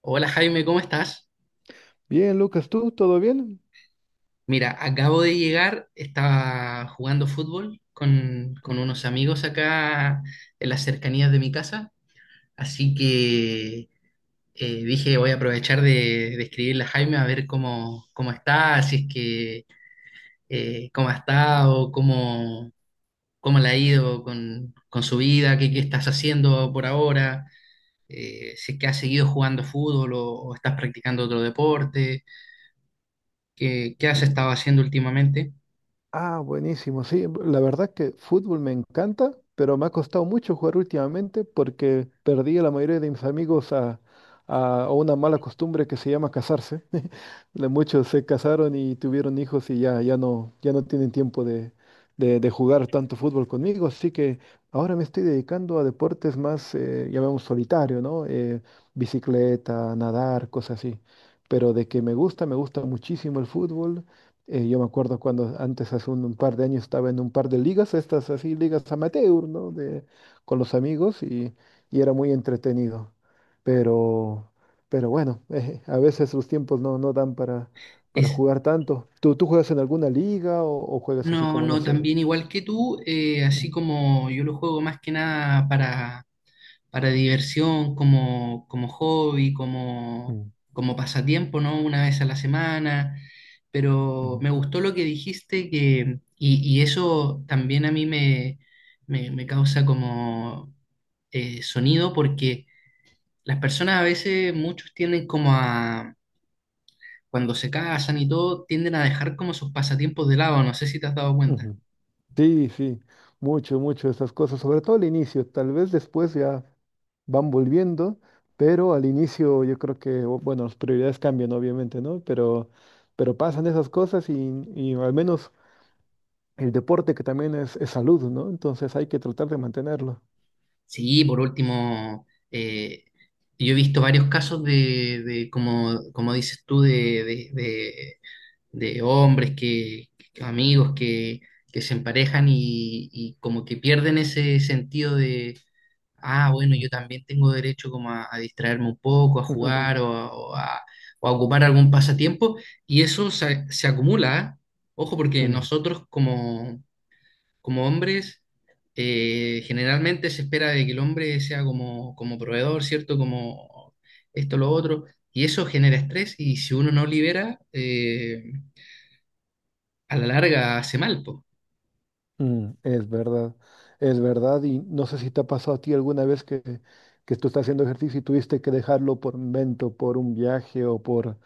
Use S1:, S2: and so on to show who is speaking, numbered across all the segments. S1: Hola Jaime, ¿cómo estás?
S2: Bien, Lucas, ¿tú todo bien?
S1: Mira, acabo de llegar, estaba jugando fútbol con unos
S2: Mm.
S1: amigos acá en las cercanías de mi casa, así que dije voy a aprovechar de escribirle a Jaime a ver cómo está, si es que cómo ha estado, cómo le ha ido con su vida, qué estás haciendo por ahora, si es que has seguido jugando fútbol o estás practicando otro deporte, qué has estado haciendo últimamente.
S2: Ah, buenísimo. Sí, la verdad que fútbol me encanta, pero me ha costado mucho jugar últimamente porque perdí a la mayoría de mis amigos a una mala costumbre que se llama casarse. Muchos se casaron y tuvieron hijos y ya no tienen tiempo de jugar tanto fútbol conmigo, así que ahora me estoy dedicando a deportes más, llamamos solitario, ¿no? Bicicleta, nadar, cosas así. Pero de que me gusta muchísimo el fútbol. Yo me acuerdo cuando antes, hace un par de años, estaba en un par de ligas, estas así, ligas amateur, ¿no? Con los amigos y era muy entretenido. Pero, pero bueno, a veces los tiempos no dan para
S1: Es,
S2: jugar tanto. ¿Tú juegas en alguna liga o juegas así
S1: no,
S2: como, no
S1: no,
S2: sé?
S1: también igual que tú,
S2: Mm,
S1: así como yo lo juego más que nada para diversión, como hobby,
S2: mm,
S1: como pasatiempo, ¿no? Una vez a la semana, pero
S2: ujú,
S1: me gustó lo que dijiste que, y eso también a mí me causa como sonido porque las personas a veces, muchos tienden como a, cuando se casan y todo, tienden a dejar como sus pasatiempos de lado, no sé si te has dado cuenta.
S2: ujú. Sí, sí, mucho, mucho esas cosas, sobre todo al inicio, tal vez después ya van volviendo, pero al inicio yo creo que, bueno, las prioridades cambian obviamente, ¿no? Pero pasan esas cosas y al menos el deporte que también es salud, ¿no? Entonces hay que tratar de mantenerlo.
S1: Sí, por último, yo he visto varios casos como dices tú, de hombres que amigos que se emparejan y como que pierden ese sentido de, ah, bueno, yo también tengo derecho como a distraerme un poco, a jugar o a ocupar algún pasatiempo, y eso se acumula, ¿eh? Ojo, porque
S2: Mm,
S1: nosotros como hombres, generalmente se espera de que el hombre sea como proveedor, ¿cierto? Como esto, lo otro, y eso genera estrés y si uno no libera, a la larga hace mal, pues.
S2: mm, es verdad, y no sé si te ha pasado a ti alguna vez que tú estás haciendo ejercicio y tuviste que dejarlo por un evento, por un viaje o por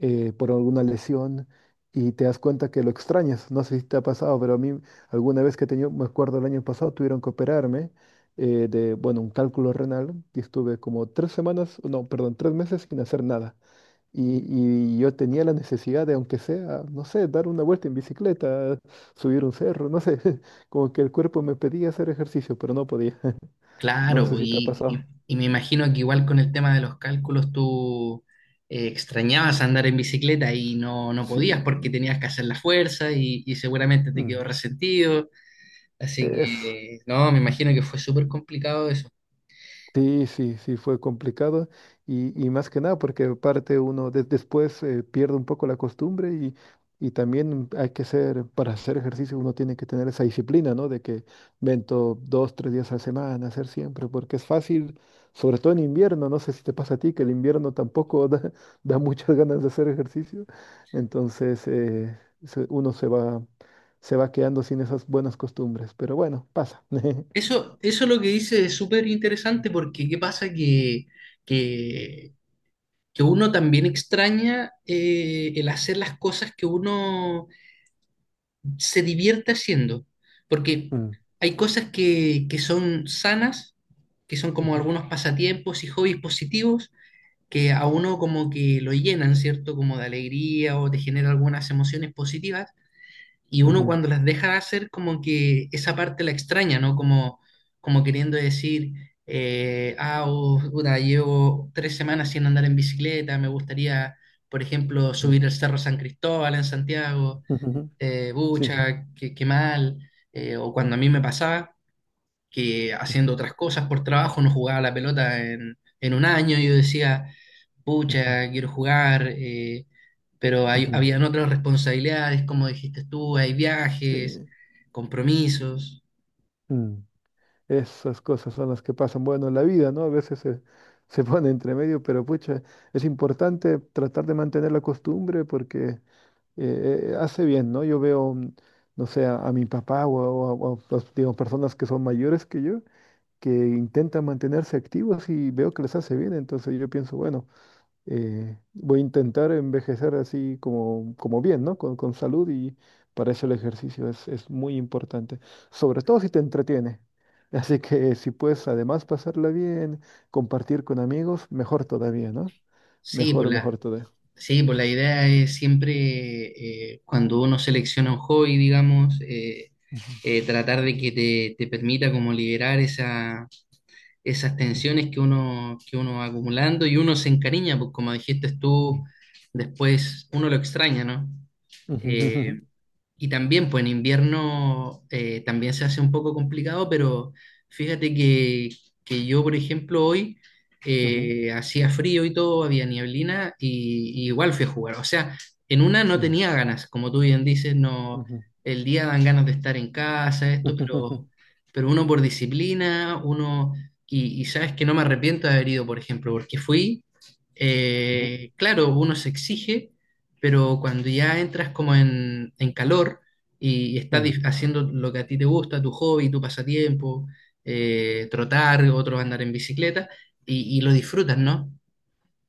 S2: eh, por alguna lesión y te das cuenta que lo extrañas. No sé si te ha pasado, pero a mí alguna vez que he tenido, me acuerdo el año pasado, tuvieron que operarme de, bueno, un cálculo renal y estuve como 3 semanas, no, perdón, 3 meses sin hacer nada. Y, y yo tenía la necesidad de, aunque sea, no sé, dar una vuelta en bicicleta, subir un cerro, no sé, como que el cuerpo me pedía hacer ejercicio, pero no podía. No
S1: Claro,
S2: sé
S1: po,
S2: si te ha pasado.
S1: y me imagino que igual con el tema de los cálculos tú extrañabas andar en bicicleta y no, no
S2: Sí.
S1: podías porque tenías que hacer la fuerza y seguramente te
S2: Mm.
S1: quedó resentido, así
S2: Eso.
S1: que no, me imagino que fue súper complicado.
S2: Sí, sí, sí, fue complicado y más que nada porque aparte uno después pierde un poco la costumbre y también hay que ser, para hacer ejercicio uno tiene que tener esa disciplina, ¿no? De que vento 2, 3 días a la semana, hacer siempre, porque es fácil, sobre todo en invierno, no sé si te pasa a ti, que el invierno tampoco da, da muchas ganas de hacer ejercicio, entonces uno se va quedando sin esas buenas costumbres, pero bueno, pasa.
S1: Eso lo que dice es súper interesante porque qué pasa que, que uno también extraña el hacer las cosas que uno se divierte haciendo, porque
S2: Mm,
S1: hay cosas que son sanas, que son como
S2: ujú,
S1: algunos pasatiempos y hobbies positivos, que a uno como que lo llenan, ¿cierto? Como de alegría o te genera algunas emociones positivas, y uno
S2: ujú.
S1: cuando las deja hacer como que esa parte la extraña, ¿no? Como, como queriendo decir, ah, oh, puta, llevo tres semanas sin andar en bicicleta, me gustaría, por ejemplo,
S2: Mm, ujú,
S1: subir el Cerro San Cristóbal en Santiago,
S2: sí.
S1: bucha, qué mal, o cuando a mí me pasaba que
S2: Ujú,
S1: haciendo otras cosas por trabajo no jugaba la pelota en un año. Yo decía,
S2: ujú,
S1: pucha, quiero jugar, pero
S2: ujú,
S1: habían otras responsabilidades, como dijiste tú, hay viajes,
S2: sí.
S1: compromisos.
S2: Mm. Esas cosas son las que pasan, bueno, en la vida, ¿no? A veces se pone entre medio, pero pucha, es importante tratar de mantener la costumbre porque hace bien, ¿no? Yo veo, no sé, a mi papá o a, digamos, personas que son mayores que yo, que intentan mantenerse activos y veo que les hace bien, entonces yo pienso, bueno, voy a intentar envejecer así como bien, ¿no? Con salud y para eso el ejercicio es muy importante, sobre todo si te entretiene. Así que si puedes además pasarla bien, compartir con amigos, mejor todavía, ¿no?
S1: Sí, pues
S2: Mejor,
S1: la,
S2: mejor todavía.
S1: sí, pues la idea es siempre, cuando uno selecciona un hobby, digamos,
S2: Ujú,
S1: tratar de que te permita como liberar esas tensiones que uno va acumulando y uno se encariña, pues como dijiste tú, después uno lo extraña, ¿no? Eh,
S2: ujú,
S1: y también, pues en invierno también se hace un poco complicado, pero fíjate que yo, por ejemplo, hoy
S2: ujú,
S1: hacía frío y todo, había nieblina y igual fui a jugar. O sea, en una no
S2: ujú,
S1: tenía ganas, como tú bien dices,
S2: ujú,
S1: no,
S2: ujú,
S1: el día dan ganas de estar en casa, esto,
S2: ujú,
S1: pero uno por disciplina, uno, y sabes que no me arrepiento de haber ido, por ejemplo, porque fui,
S2: ujú,
S1: claro, uno se exige pero cuando ya entras como en calor y, estás
S2: ujú,
S1: haciendo lo que a ti te gusta, tu hobby, tu pasatiempo, trotar, otros andar en bicicleta, y lo disfrutas, ¿no?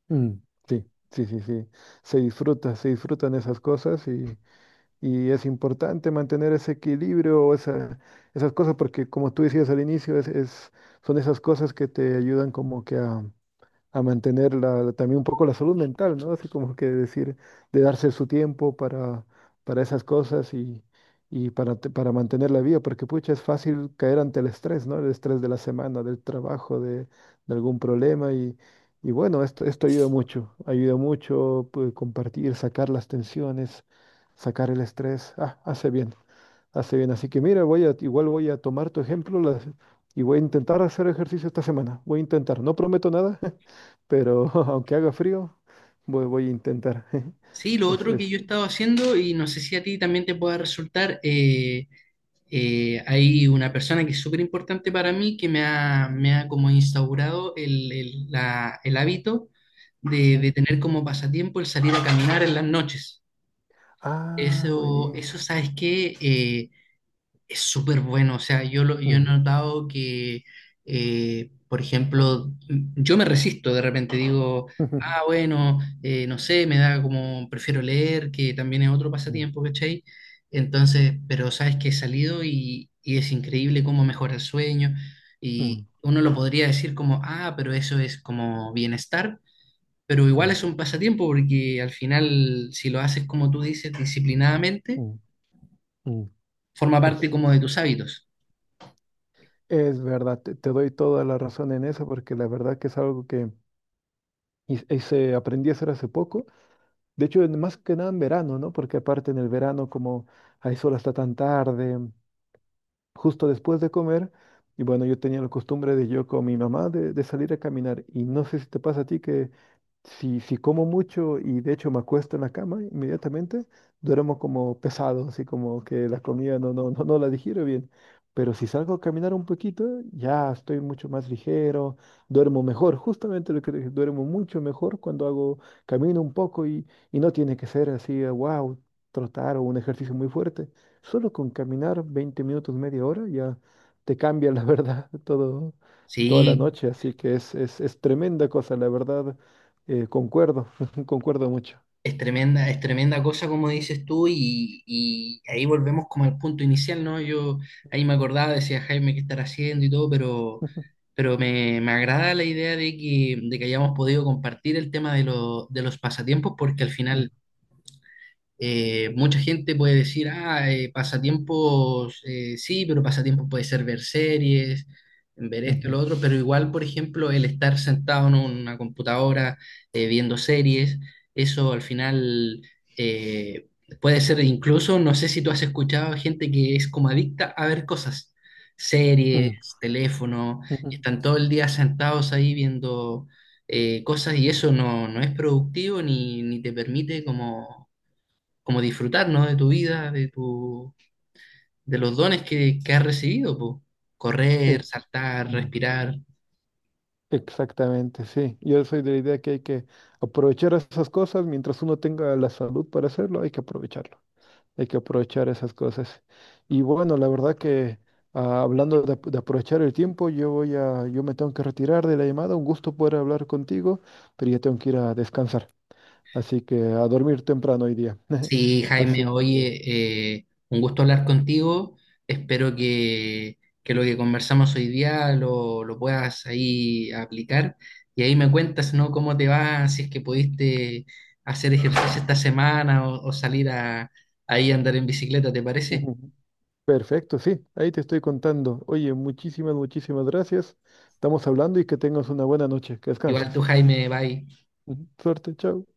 S2: ujú. Sí, sí, sí, sí. Se disfruta, se disfrutan esas cosas. Y es importante mantener ese equilibrio, o esas cosas, porque como tú decías al inicio, son esas cosas que te ayudan como que a mantener también un poco la salud mental, ¿no? Así como que decir, de darse su tiempo para esas cosas y para mantener la vida, porque pucha, es fácil caer ante el estrés, ¿no? El estrés de la semana, del trabajo, de algún problema y bueno, esto ayuda mucho pues, compartir, sacar las tensiones, sacar el estrés, ah, hace bien. Hace bien, así que mira, igual voy a tomar tu ejemplo y voy a intentar hacer ejercicio esta semana. Voy a intentar, no prometo nada, pero aunque haga frío, voy a intentar.
S1: Sí, lo
S2: Es,
S1: otro que
S2: es.
S1: yo he estado haciendo, y no sé si a ti también te pueda resultar, hay una persona que es súper importante para mí que me ha como instaurado el hábito
S2: Ujú.
S1: de tener como pasatiempo el salir a caminar en las noches.
S2: Ah,
S1: Eso,
S2: buenísimo.
S1: ¿sabes qué? Es súper bueno, o sea, yo he
S2: Mm,
S1: notado que, por ejemplo, yo me resisto de repente, digo, ah, bueno, no sé, me da como, prefiero leer, que también es otro
S2: ujú,
S1: pasatiempo, ¿cachai? Entonces, pero sabes que he salido y es increíble cómo mejora el sueño y
S2: mm,
S1: uno lo podría decir como, ah, pero eso es como bienestar, pero igual
S2: mm,
S1: es un pasatiempo porque al final, si lo haces como tú dices, disciplinadamente,
S2: mm, mm, mm.
S1: forma parte
S2: Es,
S1: como de tus hábitos.
S2: es verdad, te doy toda la razón en eso, porque la verdad que es algo que hice, aprendí a hacer hace poco. De hecho, más que nada en verano, ¿no? Porque aparte en el verano, como hay sol hasta tan tarde, justo después de comer. Y bueno, yo tenía la costumbre de yo con mi mamá de salir a caminar. Y no sé si te pasa a ti que si como mucho y de hecho me acuesto en la cama inmediatamente, duermo como pesado, así como que la comida no la digiero bien. Pero si salgo a caminar un poquito, ya estoy mucho más ligero, duermo mejor, justamente lo que dije, duermo mucho mejor cuando hago, camino un poco y no tiene que ser así, wow, trotar o un ejercicio muy fuerte. Solo con caminar 20 minutos, media hora, ya te cambia la verdad todo, toda la
S1: Sí,
S2: noche. Así que es tremenda cosa, la verdad. Concuerdo, concuerdo mucho.
S1: Es tremenda cosa como dices tú y ahí volvemos como al punto inicial, ¿no? Yo ahí me acordaba, decía Jaime qué estar haciendo y todo, pero me agrada la idea de de que hayamos podido compartir el tema de los pasatiempos porque al
S2: Ujú,
S1: final mucha gente puede decir, ah, pasatiempos, sí, pero pasatiempos puede ser ver series, ver
S2: mm,
S1: esto y
S2: ujú,
S1: lo otro, pero igual, por ejemplo, el estar sentado en una computadora viendo series, eso al final eh, puede ser incluso, no sé si tú has escuchado gente que es como adicta a ver cosas,
S2: mm,
S1: series, teléfono, y
S2: ujú,
S1: están todo el día sentados ahí viendo… cosas y
S2: ujú.
S1: eso no, no es productivo ni te permite como disfrutar, ¿no? De tu vida, de tu, de los dones que has recibido, po.
S2: E-
S1: Correr, saltar,
S2: mm,
S1: respirar.
S2: Exactamente, sí. Yo soy de la idea que hay que aprovechar esas cosas mientras uno tenga la salud para hacerlo, hay que aprovecharlo. Hay que aprovechar esas cosas. Y bueno, la verdad que ah, hablando de aprovechar el tiempo, yo me tengo que retirar de la llamada. Un gusto poder hablar contigo, pero ya tengo que ir a descansar. Así que a dormir temprano hoy día.
S1: Sí,
S2: Así
S1: Jaime,
S2: que
S1: oye, un gusto hablar contigo. Espero que lo que conversamos hoy día lo puedas ahí aplicar. Y ahí me cuentas, ¿no? Cómo te va, si es que pudiste hacer ejercicio esta semana o salir ahí a andar en bicicleta, ¿te parece?
S2: ujú, perfecto, sí, ahí te estoy contando. Oye, muchísimas, muchísimas gracias. Estamos hablando y que tengas una buena noche. Que
S1: Igual tú,
S2: descanses.
S1: Jaime, bye.
S2: Ujú, suerte, chao.